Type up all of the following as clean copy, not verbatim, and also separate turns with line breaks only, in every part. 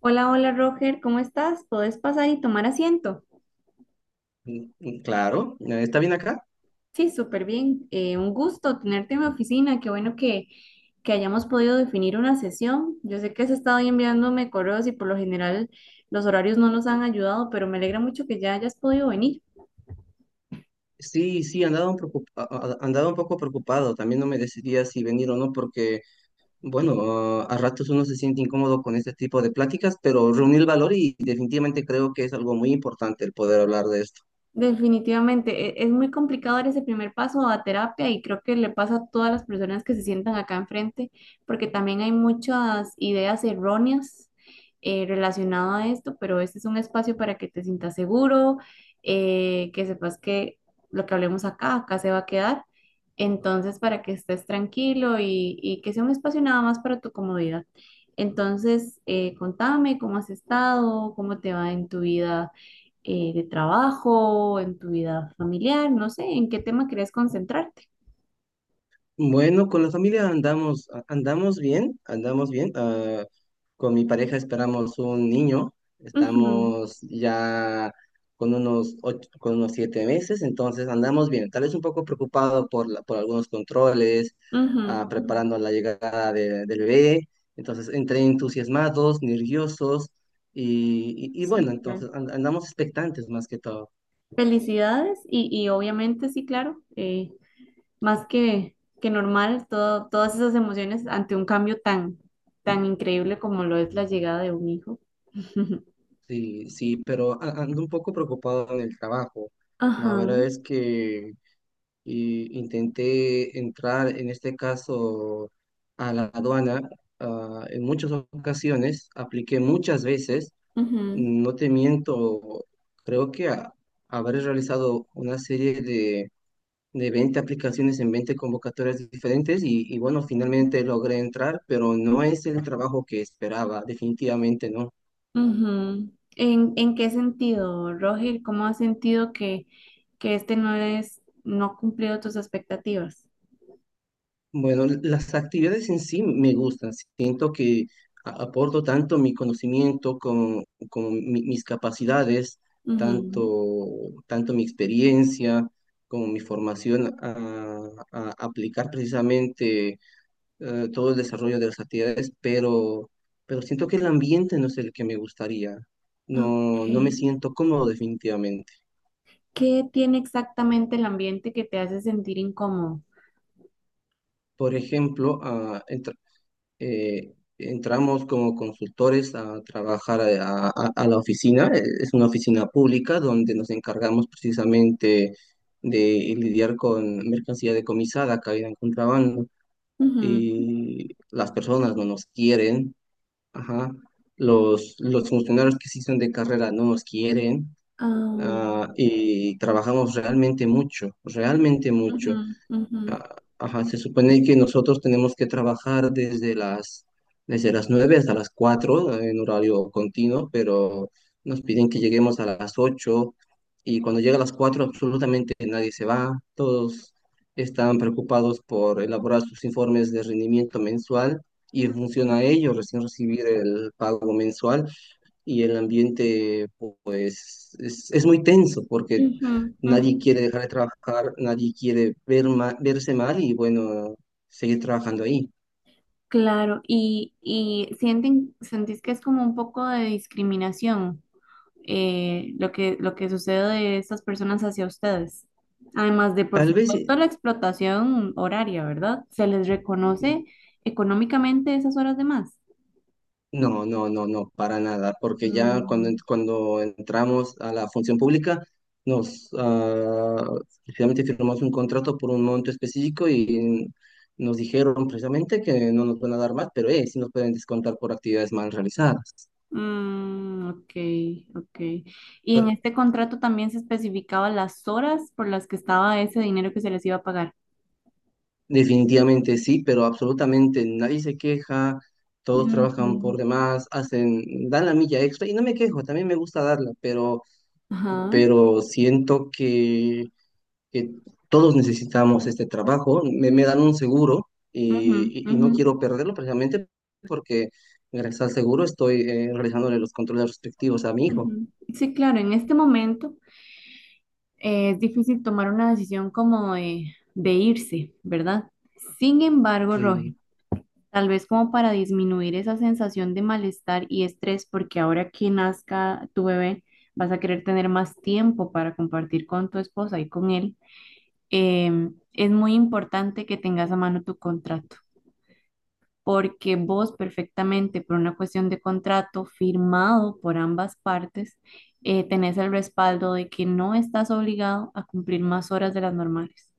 Hola, hola Roger, ¿cómo estás? ¿Podés pasar y tomar asiento?
Claro. ¿Está bien acá?
Sí, súper bien. Un gusto tenerte en mi oficina. Qué bueno que hayamos podido definir una sesión. Yo sé que has estado ahí enviándome correos y por lo general los horarios no nos han ayudado, pero me alegra mucho que ya hayas podido venir.
Sí, sí, andaba un, andaba un poco preocupado. También no me decidía si venir o no, porque, bueno, a ratos uno se siente incómodo con este tipo de pláticas, pero reuní el valor y definitivamente creo que es algo muy importante el poder hablar de esto.
Definitivamente, es muy complicado dar ese primer paso a terapia y creo que le pasa a todas las personas que se sientan acá enfrente, porque también hay muchas ideas erróneas relacionadas a esto, pero este es un espacio para que te sientas seguro, que sepas que lo que hablemos acá, acá se va a quedar, entonces para que estés tranquilo y que sea un espacio nada más para tu comodidad. Entonces, contame cómo has estado, cómo te va en tu vida de trabajo, en tu vida familiar, no sé, en qué tema querés concentrarte.
Bueno, con la familia andamos bien, andamos bien. Con mi pareja esperamos un niño,
Ujú,
estamos ya con con unos 7 meses, entonces andamos bien. Tal vez un poco preocupado por algunos controles,
ujú, ujú.
preparando la llegada del bebé. Entonces, entre entusiasmados, nerviosos y bueno,
Sí, claro.
entonces andamos expectantes más que todo.
Felicidades y obviamente sí, claro, más que normal, todo, todas esas emociones ante un cambio tan, tan increíble como lo es la llegada de un hijo.
Sí, sí, pero ando un poco preocupado en el trabajo. La
Ajá,
verdad es que y intenté entrar, en este caso, a la aduana, en muchas ocasiones, apliqué muchas veces,
ujú,
no te miento, creo que habré realizado una serie de 20 aplicaciones en 20 convocatorias diferentes y bueno, finalmente logré entrar, pero no es el trabajo que esperaba, definitivamente no.
ujú. En qué sentido, Roger? ¿Cómo has sentido que este no es, no ha cumplido tus expectativas?
Bueno, las actividades en sí me gustan. Siento que aporto tanto mi conocimiento como, como mis capacidades,
Ujú,
tanto, tanto mi experiencia como mi formación a aplicar precisamente todo el desarrollo de las actividades, pero siento que el ambiente no es el que me gustaría. No, no me
ok.
siento cómodo definitivamente.
¿Qué tiene exactamente el ambiente que te hace sentir incómodo?
Por ejemplo, entramos como consultores a trabajar a, a la oficina. Es una oficina pública donde nos encargamos precisamente de lidiar con mercancía decomisada, caída en contrabando.
Ujú,
Y las personas no nos quieren, ajá. Los funcionarios que sí son de carrera no nos quieren.
ah,
Y trabajamos realmente mucho, realmente mucho.
ujú, ujú,
Ajá, se supone que nosotros tenemos que trabajar desde las 9 hasta las 4 en horario continuo, pero nos piden que lleguemos a las 8, y cuando llega a las 4 absolutamente nadie se va, todos están preocupados por elaborar sus informes de rendimiento mensual y en función a ello recién recibir el pago mensual, y el ambiente pues es muy tenso porque
ujú,
nadie
ujú.
quiere dejar de trabajar, nadie quiere verse mal y bueno, seguir trabajando ahí.
Claro, y sienten, sentís que es como un poco de discriminación lo que sucede de estas personas hacia ustedes. Además de, por
Tal vez,
supuesto, la explotación horaria, ¿verdad? ¿Se les reconoce económicamente esas horas de más?
no, no, no, no, para nada, porque ya cuando,
Mm,
cuando entramos a la función pública, nos finalmente firmamos un contrato por un monto específico y nos dijeron precisamente que no nos van a dar más, pero sí nos pueden descontar por actividades mal realizadas.
mm, ok, ok. Y en este contrato también se especificaba las horas por las que estaba ese dinero que se les iba a pagar.
Definitivamente sí, pero absolutamente nadie se queja, todos trabajan
Ujú.
por demás, hacen, dan la milla extra y no me quejo, también me gusta darla,
Ajá.
pero siento que todos necesitamos este trabajo, me dan un seguro
Ujú,
y, y no
ujú,
quiero perderlo precisamente porque gracias al seguro estoy realizándole los controles respectivos a mi hijo.
ujú. Sí, claro, en este momento es difícil tomar una decisión como de irse, ¿verdad? Sin embargo, Roger,
Y,
tal vez como para disminuir esa sensación de malestar y estrés, porque ahora que nazca tu bebé, vas a querer tener más tiempo para compartir con tu esposa y con él, es muy importante que tengas a mano tu contrato, porque vos perfectamente por una cuestión de contrato firmado por ambas partes, tenés el respaldo de que no estás obligado a cumplir más horas de las normales.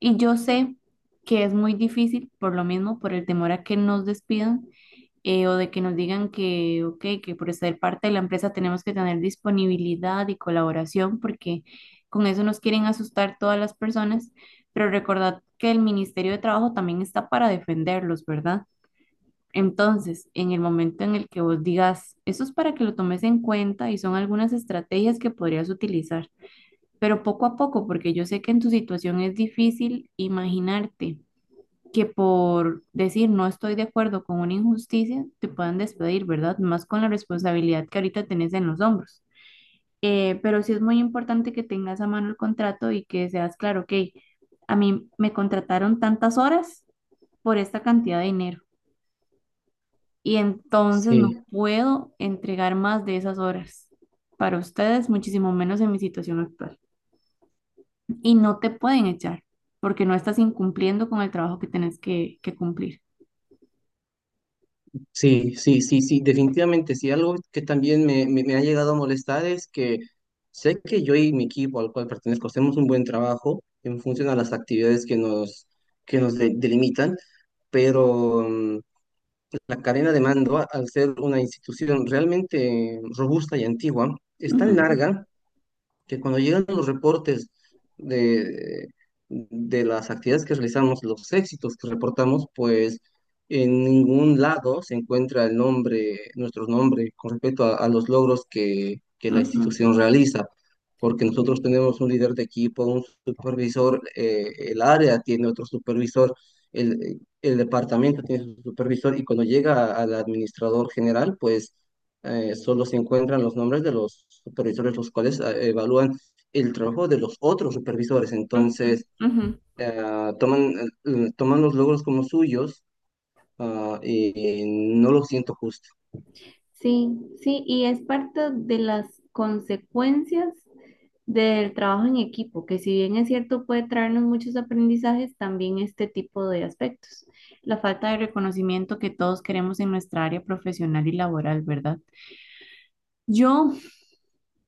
Y yo sé que es muy difícil, por lo mismo, por el temor a que nos despidan, o de que nos digan que, ok, que por ser parte de la empresa tenemos que tener disponibilidad y colaboración, porque con eso nos quieren asustar todas las personas, pero recordad que el Ministerio de Trabajo también está para defenderlos, ¿verdad? Entonces, en el momento en el que vos digas, eso es para que lo tomes en cuenta y son algunas estrategias que podrías utilizar, pero poco a poco, porque yo sé que en tu situación es difícil imaginarte que por decir no estoy de acuerdo con una injusticia, te puedan despedir, ¿verdad? Más con la responsabilidad que ahorita tenés en los hombros. Pero sí es muy importante que tengas a mano el contrato y que seas claro, ok, a mí me contrataron tantas horas por esta cantidad de dinero y entonces no
sí.
puedo entregar más de esas horas para ustedes, muchísimo menos en mi situación actual. Y no te pueden echar porque no estás incumpliendo con el trabajo que tenés que cumplir.
Sí, sí, sí, sí, definitivamente. Sí, algo que también me ha llegado a molestar es que sé que yo y mi equipo al cual pertenezco hacemos un buen trabajo en función a las actividades que nos delimitan, pero la cadena de mando, al ser una institución realmente robusta y antigua, es tan
Ujú,
larga que cuando llegan los reportes de, de las actividades que realizamos, los éxitos que reportamos, pues en ningún lado se encuentra el nombre, nuestro nombre con respecto a los logros que la
ujú.
institución realiza, porque
Ujú,
nosotros tenemos un líder de equipo, un supervisor, el área tiene otro supervisor, el departamento tiene su supervisor y cuando llega al administrador general, pues solo se encuentran los nombres de los supervisores, los cuales evalúan el trabajo de los otros supervisores. Entonces,
ujú.
eh, toman, toman los logros como suyos, y no lo siento justo.
Sí, sí, y es parte de las consecuencias del trabajo en equipo, que si bien es cierto puede traernos muchos aprendizajes, también este tipo de aspectos, la falta de reconocimiento que todos queremos en nuestra área profesional y laboral, ¿verdad? Yo,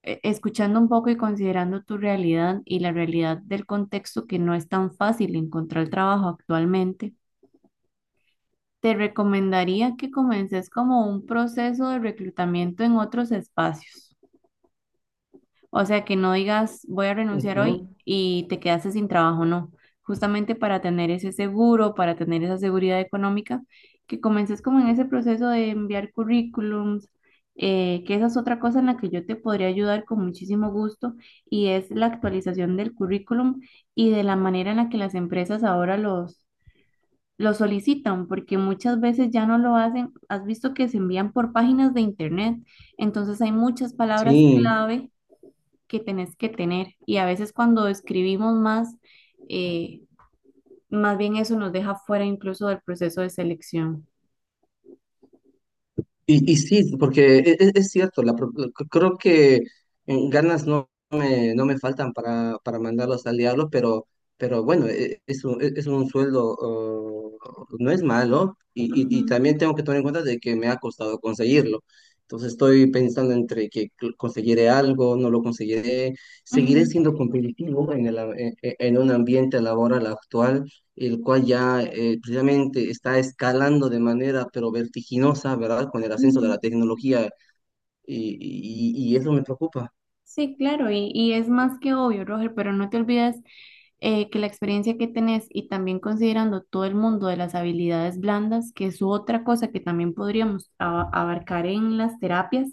escuchando un poco y considerando tu realidad y la realidad del contexto que no es tan fácil encontrar trabajo actualmente, te recomendaría que comences como un proceso de reclutamiento en otros espacios. O sea, que no digas voy a renunciar hoy
Ujú.
y te quedaste sin trabajo, no. Justamente para tener ese seguro, para tener esa seguridad económica, que comences como en ese proceso de enviar currículums, que esa es otra cosa en la que yo te podría ayudar con muchísimo gusto y es la actualización del currículum y de la manera en la que las empresas ahora los lo solicitan porque muchas veces ya no lo hacen. Has visto que se envían por páginas de internet, entonces hay muchas palabras
Sí.
clave que tenés que tener y a veces cuando escribimos más, eh, más bien eso nos deja fuera incluso del proceso de selección.
Y sí, porque es cierto. La, creo que ganas no me, no me faltan para mandarlos al diablo, pero bueno, es un, es un sueldo, oh, no es malo, y
Ujú,
también tengo que tomar en cuenta de que me ha costado conseguirlo. Entonces estoy pensando entre que conseguiré algo, no lo conseguiré, seguiré
ujú,
siendo competitivo en el, en un ambiente laboral actual, el cual ya precisamente está escalando de manera pero vertiginosa, ¿verdad? Con el ascenso de la
ujú.
tecnología y, y eso me preocupa.
Sí, claro, y es más que obvio, Roger, pero no te olvides que la experiencia que tenés y también considerando todo el mundo de las habilidades blandas, que es otra cosa que también podríamos abarcar en las terapias,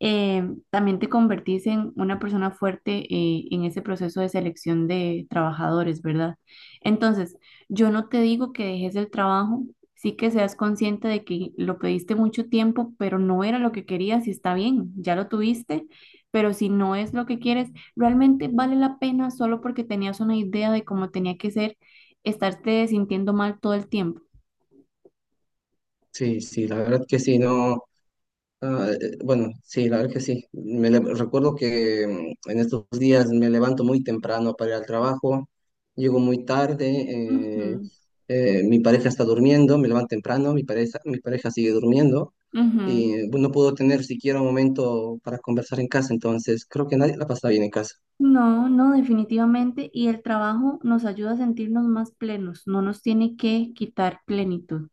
también te convertís en una persona fuerte en ese proceso de selección de trabajadores, ¿verdad? Entonces, yo no te digo que dejes el trabajo, sí que seas consciente de que lo pediste mucho tiempo, pero no era lo que querías y está bien, ya lo tuviste, pero si no es lo que quieres, realmente vale la pena solo porque tenías una idea de cómo tenía que ser, estarte sintiendo mal todo el tiempo.
Sí, sí, la verdad que sí, no. Ah, bueno, sí, la verdad que sí. Recuerdo que en estos días me levanto muy temprano para ir al trabajo, llego muy tarde,
Ujú,
mi pareja está durmiendo, me levanto temprano, mi pareja sigue durmiendo
ujú.
y no puedo tener siquiera un momento para conversar en casa, entonces creo que nadie la pasa bien en casa.
No, no, definitivamente. Y el trabajo nos ayuda a sentirnos más plenos, no nos tiene que quitar plenitud.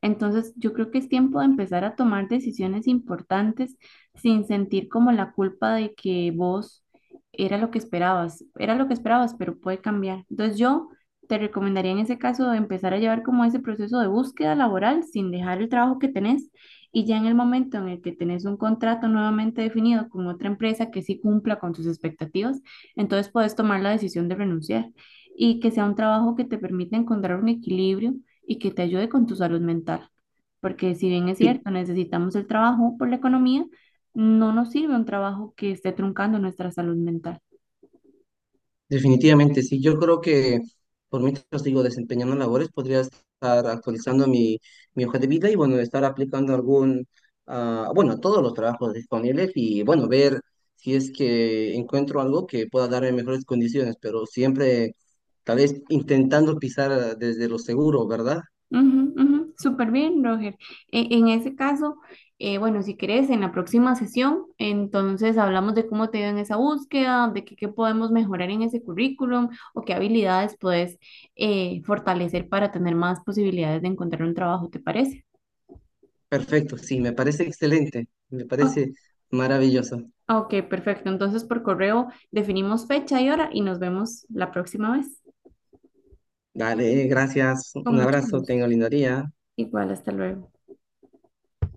Entonces, yo creo que es tiempo de empezar a tomar decisiones importantes sin sentir como la culpa de que vos era lo que esperabas, era lo que esperabas, pero puede cambiar. Entonces, yo te recomendaría en ese caso empezar a llevar como ese proceso de búsqueda laboral sin dejar el trabajo que tenés y ya en el momento en el que tenés un contrato nuevamente definido con otra empresa que sí cumpla con tus expectativas, entonces puedes tomar la decisión de renunciar y que sea un trabajo que te permita encontrar un equilibrio y que te ayude con tu salud mental. Porque si bien es cierto, necesitamos el trabajo por la economía, no nos sirve un trabajo que esté truncando nuestra salud mental.
Definitivamente, sí. Yo creo que por mientras digo desempeñando labores, podría estar actualizando mi, mi hoja de vida y bueno, estar aplicando algún, bueno, todos los trabajos disponibles y bueno, ver si es que encuentro algo que pueda darme mejores condiciones, pero siempre tal vez intentando pisar desde lo seguro, ¿verdad?
Ujú, ujú, súper bien, Roger. En ese caso, bueno, si querés, en la próxima sesión, entonces hablamos de cómo te ha ido en esa búsqueda, de qué, qué podemos mejorar en ese currículum o qué habilidades puedes fortalecer para tener más posibilidades de encontrar un trabajo, ¿te parece?
Perfecto, sí, me parece excelente, me
O-
parece maravilloso.
ok, perfecto. Entonces, por correo definimos fecha y hora y nos vemos la próxima vez.
Dale, gracias,
Con
un
mucho
abrazo, tengo
gusto.
lindo día.
Igual, hasta luego.